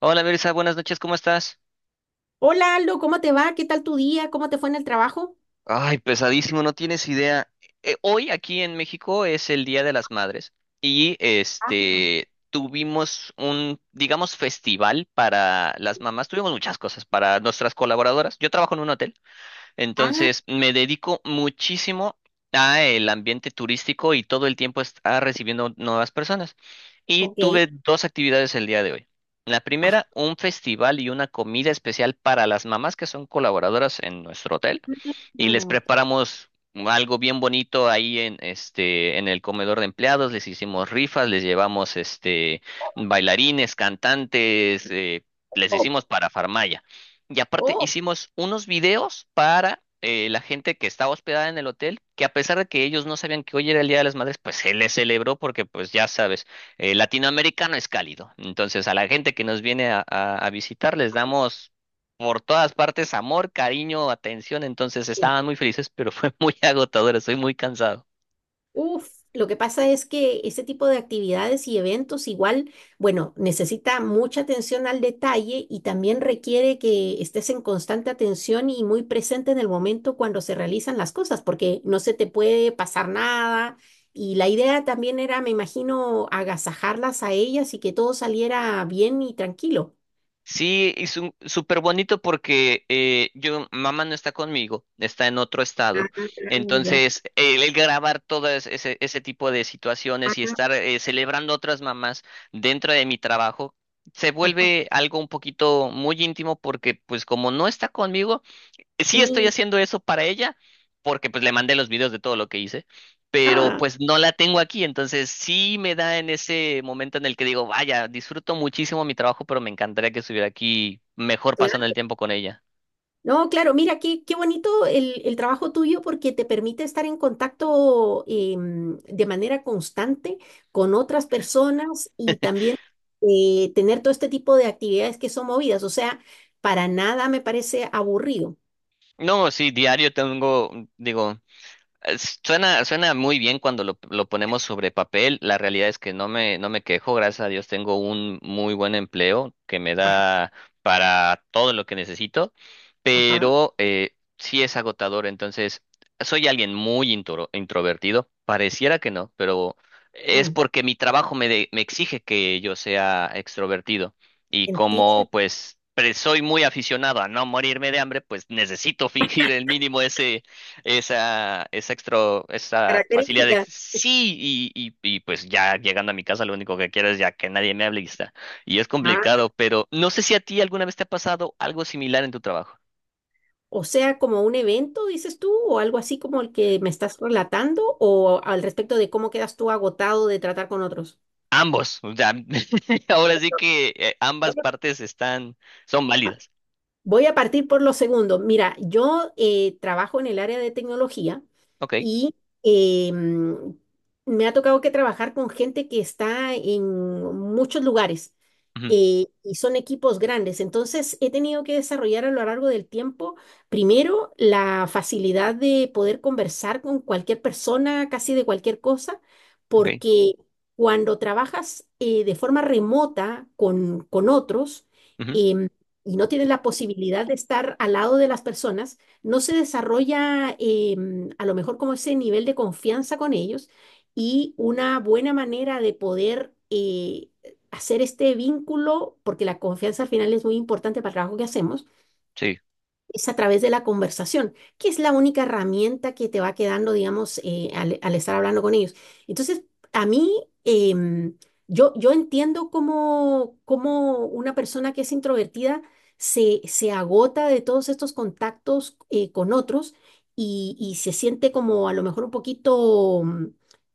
Hola Mirza, buenas noches, ¿cómo estás? Hola Aldo, ¿cómo te va? ¿Qué tal tu día? ¿Cómo te fue en el trabajo? Ay, pesadísimo, no tienes idea. Hoy aquí en México es el Día de las Madres y tuvimos un, digamos, festival para las mamás. Tuvimos muchas cosas para nuestras colaboradoras. Yo trabajo en un hotel. Ah, Entonces, me dedico muchísimo a el ambiente turístico y todo el tiempo está recibiendo nuevas personas. Y ok. tuve dos actividades el día de hoy. La Ah, primera, un festival y una comida especial para las mamás que son colaboradoras en nuestro hotel, y les ah, preparamos algo bien bonito ahí en el comedor de empleados. Les hicimos rifas, les llevamos bailarines, cantantes, les oh, hicimos parafarmaya. Y aparte oh, hicimos unos videos para la gente que estaba hospedada en el hotel, que a pesar de que ellos no sabían que hoy era el Día de las Madres, pues se les celebró porque pues ya sabes, latinoamericano es cálido. Entonces a la gente que nos viene a visitar les damos por todas partes amor, cariño, atención. Entonces sí. estaban muy felices, pero fue muy agotador, estoy muy cansado. Uf, lo que pasa es que ese tipo de actividades y eventos igual, bueno, necesita mucha atención al detalle y también requiere que estés en constante atención y muy presente en el momento cuando se realizan las cosas, porque no se te puede pasar nada. Y la idea también era, me imagino, agasajarlas a ellas y que todo saliera bien y tranquilo. Sí, y súper bonito porque yo, mamá no está conmigo, está en otro Ah, estado. ya. Entonces, el grabar todo ese tipo de Ah, situaciones y estar celebrando otras mamás dentro de mi trabajo, se ajá, vuelve algo un poquito muy íntimo porque, pues, como no está conmigo, sí estoy sí. haciendo eso para ella, porque pues le mandé los videos de todo lo que hice, pero Ah, pues no la tengo aquí, entonces sí me da en ese momento en el que digo, vaya, disfruto muchísimo mi trabajo, pero me encantaría que estuviera aquí mejor pasando el claro. tiempo con ella. No, claro, mira, qué, qué bonito el trabajo tuyo porque te permite estar en contacto de manera constante con otras personas y también tener todo este tipo de actividades que son movidas. O sea, para nada me parece aburrido. No, sí, diario tengo, digo, Suena, suena muy bien cuando lo ponemos sobre papel. La realidad es que no me quejo, gracias a Dios tengo un muy buen empleo que me Ajá, da para todo lo que necesito, ajá. pero sí es agotador. Entonces, soy alguien muy introvertido, pareciera que no, pero es Mm, porque mi trabajo me, me exige que yo sea extrovertido. Y como entiendo. pues soy muy aficionado a no morirme de hambre, pues necesito fingir el mínimo ese esa, esa facilidad de Característica. sí, y pues ya llegando a mi casa lo único que quiero es ya que nadie me hable y está. Y es Ah, complicado, pero no sé si a ti alguna vez te ha pasado algo similar en tu trabajo. o sea, como un evento, dices tú, o algo así como el que me estás relatando, o al respecto de cómo quedas tú agotado de tratar con otros. Ambos, o sea, ahora sí que ambas partes están, son Ah, válidas. voy a partir por los segundos. Mira, yo trabajo en el área de tecnología Ok, y eh, mm, me ha tocado que trabajar con gente que está en muchos lugares ujú, y son equipos grandes. Entonces, he tenido que desarrollar a lo largo del tiempo, primero, la facilidad de poder conversar con cualquier persona, casi de cualquier cosa, ok, porque cuando trabajas de forma remota con otros, ujú, em, y no tienen la posibilidad de estar al lado de las personas, no se desarrolla a lo mejor como ese nivel de confianza con ellos y una buena manera de poder hacer este vínculo, porque la confianza al final es muy importante para el trabajo que hacemos sí. es a través de la conversación, que es la única herramienta que te va quedando, digamos, al estar hablando con ellos. Entonces, a mí, em, yo entiendo cómo una persona que es introvertida se agota de todos estos contactos con otros y se siente como a lo mejor un poquito mm,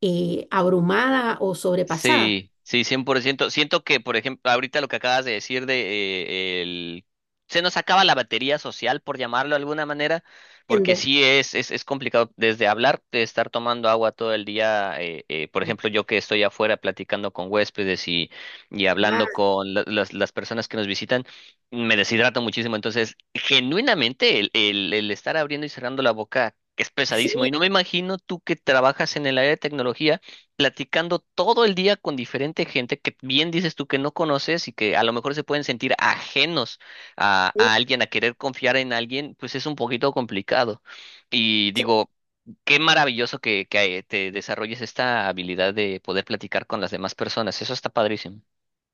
eh, abrumada o sobrepasada. Sí, sí, 100%. Siento que, por ejemplo, ahorita lo que acabas de decir de el... Se nos acaba la batería social, por llamarlo de alguna manera, porque Entiendo. sí es complicado desde hablar, de estar tomando agua todo el día. Por ejemplo, yo que estoy afuera platicando con huéspedes y Ah, hablando con las personas que nos visitan, me deshidrato muchísimo. Entonces, genuinamente, el estar abriendo y cerrando la boca es pesadísimo. sí, Y no me imagino tú que trabajas en el área de tecnología platicando todo el día con diferente gente que bien dices tú que no conoces y que a lo mejor se pueden sentir ajenos sí, a alguien, a querer confiar en alguien, pues es un poquito complicado. Y sí. digo, qué maravilloso que te desarrolles esta habilidad de poder platicar con las demás personas. Eso está padrísimo.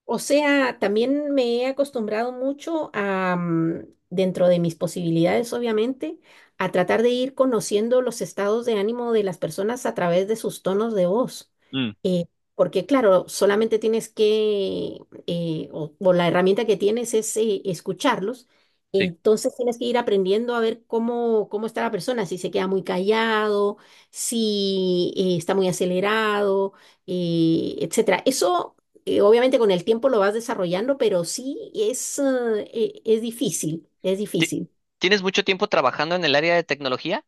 O sea, también me he acostumbrado mucho a, dentro de mis posibilidades, obviamente, a tratar de ir conociendo los estados de ánimo de las personas a través de sus tonos de voz. Mm, Eh, Porque, claro, solamente tienes que, o la herramienta que tienes es escucharlos. sí. Entonces tienes que ir aprendiendo a ver cómo, está la persona, si se queda muy callado, si está muy acelerado etcétera. Eso obviamente con el tiempo lo vas desarrollando, pero sí es difícil, es Ti- difícil. ¿Tienes mucho tiempo trabajando en el área de tecnología?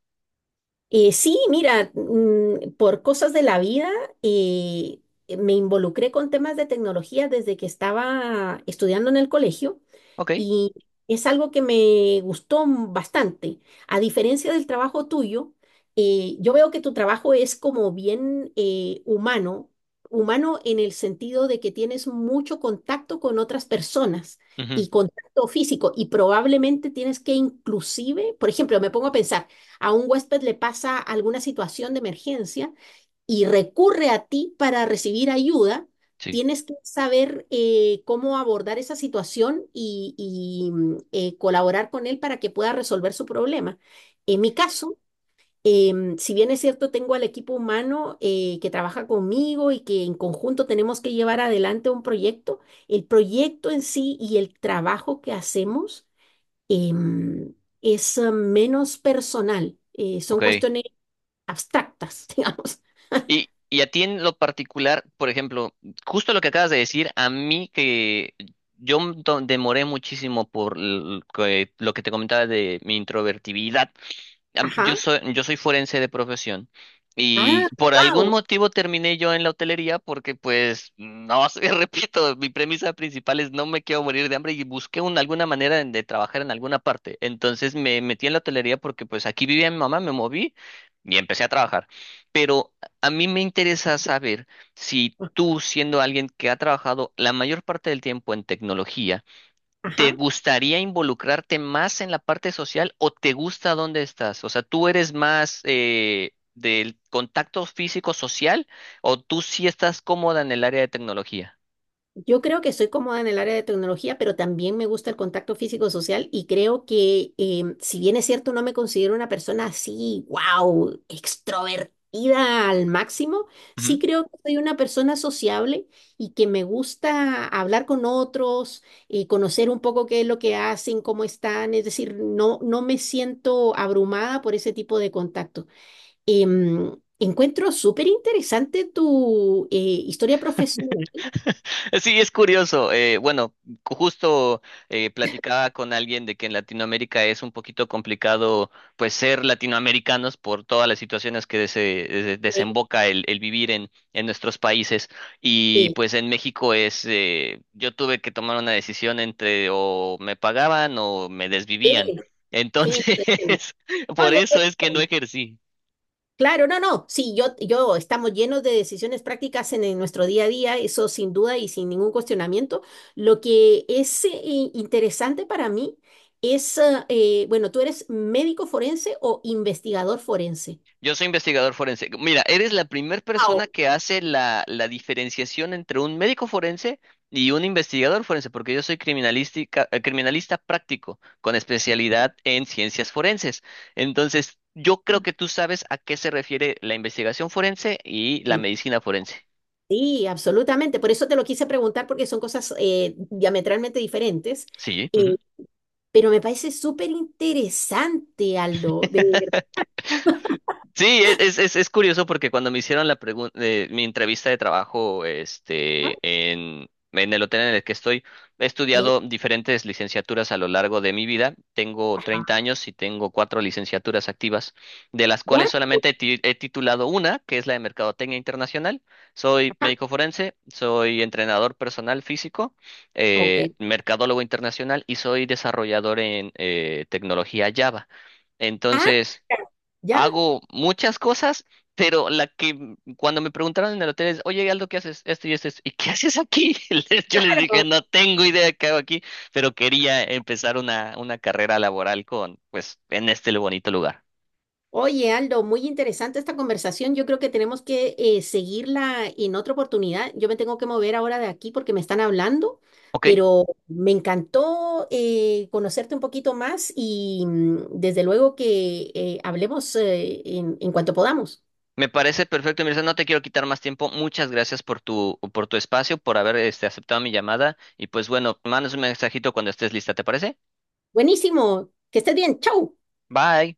Sí, mira, por cosas de la vida eh, me involucré con temas de tecnología desde que estaba estudiando en el colegio Ok. y es algo que me gustó bastante. A diferencia del trabajo tuyo, yo veo que tu trabajo es como bien humano, humano en el sentido de que tienes mucho contacto con otras personas Ujú, y contacto físico y probablemente tienes que inclusive, por ejemplo, me pongo a pensar, a un huésped le pasa alguna situación de emergencia y recurre a ti para recibir ayuda, sí. tienes que saber cómo abordar esa situación y colaborar con él para que pueda resolver su problema. En mi caso, si bien es cierto, tengo al equipo humano que trabaja conmigo y que en conjunto tenemos que llevar adelante un proyecto, el proyecto en sí y el trabajo que hacemos em, es menos personal, son Ok. cuestiones abstractas, digamos. Y a ti en lo particular, por ejemplo, justo lo que acabas de decir, a mí que yo demoré muchísimo por lo que te comentaba de mi introvertibilidad, yo Ajá. soy, yo soy forense de profesión y Ah, por algún wow. motivo terminé yo en la hotelería porque pues no sé, repito, mi premisa principal es no me quiero morir de hambre y busqué alguna manera de trabajar en alguna parte. Entonces me metí en la hotelería porque pues aquí vivía mi mamá, me moví y empecé a trabajar. Pero a mí me interesa saber si tú, siendo alguien que ha trabajado la mayor parte del tiempo en tecnología, ¿te Ajá. gustaría involucrarte más en la parte social o te gusta dónde estás? O sea, ¿tú eres más del contacto físico social o tú sí estás cómoda en el área de tecnología? Yo creo que estoy cómoda en el área de tecnología, pero también me gusta el contacto físico-social y creo que si bien es cierto, no me considero una persona así, wow, extrovertida al máximo, sí creo que soy una persona sociable y que me gusta hablar con otros, conocer un poco qué es lo que hacen, cómo están, es decir, no, no me siento abrumada por ese tipo de contacto. Encuentro súper interesante tu historia profesional. Sí, es curioso. Bueno, justo platicaba con alguien de que en Latinoamérica es un poquito complicado, pues, ser latinoamericanos por todas las situaciones que se Sí, desemboca el vivir en nuestros países. Y sí. pues en México es, yo tuve que tomar una decisión entre o me pagaban o me Sí, desvivían. sí, Entonces, te entiendo. No, por yo eso te es que no entiendo. ejercí. Claro, no, no, sí, yo estamos llenos de decisiones prácticas en nuestro día a día, eso sin duda y sin ningún cuestionamiento. Lo que es interesante para mí es, bueno, ¿tú eres médico forense o investigador forense? Yo soy investigador forense. Mira, eres la primera Wow. persona que hace la diferenciación entre un médico forense y un investigador forense, porque yo soy criminalística, criminalista práctico con especialidad en ciencias forenses. Entonces, yo creo que tú sabes a qué se refiere la investigación forense y la Sí, medicina forense. sí, absolutamente. Por eso te lo quise preguntar porque son cosas diametralmente diferentes. Sí. Eh, Ujú. pero me parece súper interesante, Aldo, de Sí, es curioso porque cuando me hicieron mi entrevista de trabajo, verdad. En el hotel en el que estoy, he Sí. estudiado diferentes licenciaturas a lo largo de mi vida. Tengo 30 años y tengo cuatro licenciaturas activas, de las Guau, cuales solamente he titulado una, que es la de Mercadotecnia Internacional. Soy médico forense, soy entrenador personal físico, ok. Mercadólogo internacional y soy desarrollador en tecnología Java. Ah, Entonces, ya, hago muchas cosas, pero la que cuando me preguntaron en el hotel es, oye, Aldo, ¿qué haces? Esto y esto, esto. ¿Y qué haces aquí? Yo les dije, claro. no tengo idea de qué hago aquí, pero quería empezar una carrera laboral con, pues, en este bonito lugar. Oye, Aldo, muy interesante esta conversación. Yo creo que tenemos que seguirla en otra oportunidad. Yo me tengo que mover ahora de aquí porque me están hablando, ¿Ok? pero me encantó conocerte un poquito más y desde luego que hablemos en cuanto podamos. Me parece perfecto, Mirza. No te quiero quitar más tiempo. Muchas gracias por tu espacio, por haber aceptado mi llamada. Y pues bueno, mandas un mensajito cuando estés lista, ¿te parece? Buenísimo, que estés bien. Chau. Bye.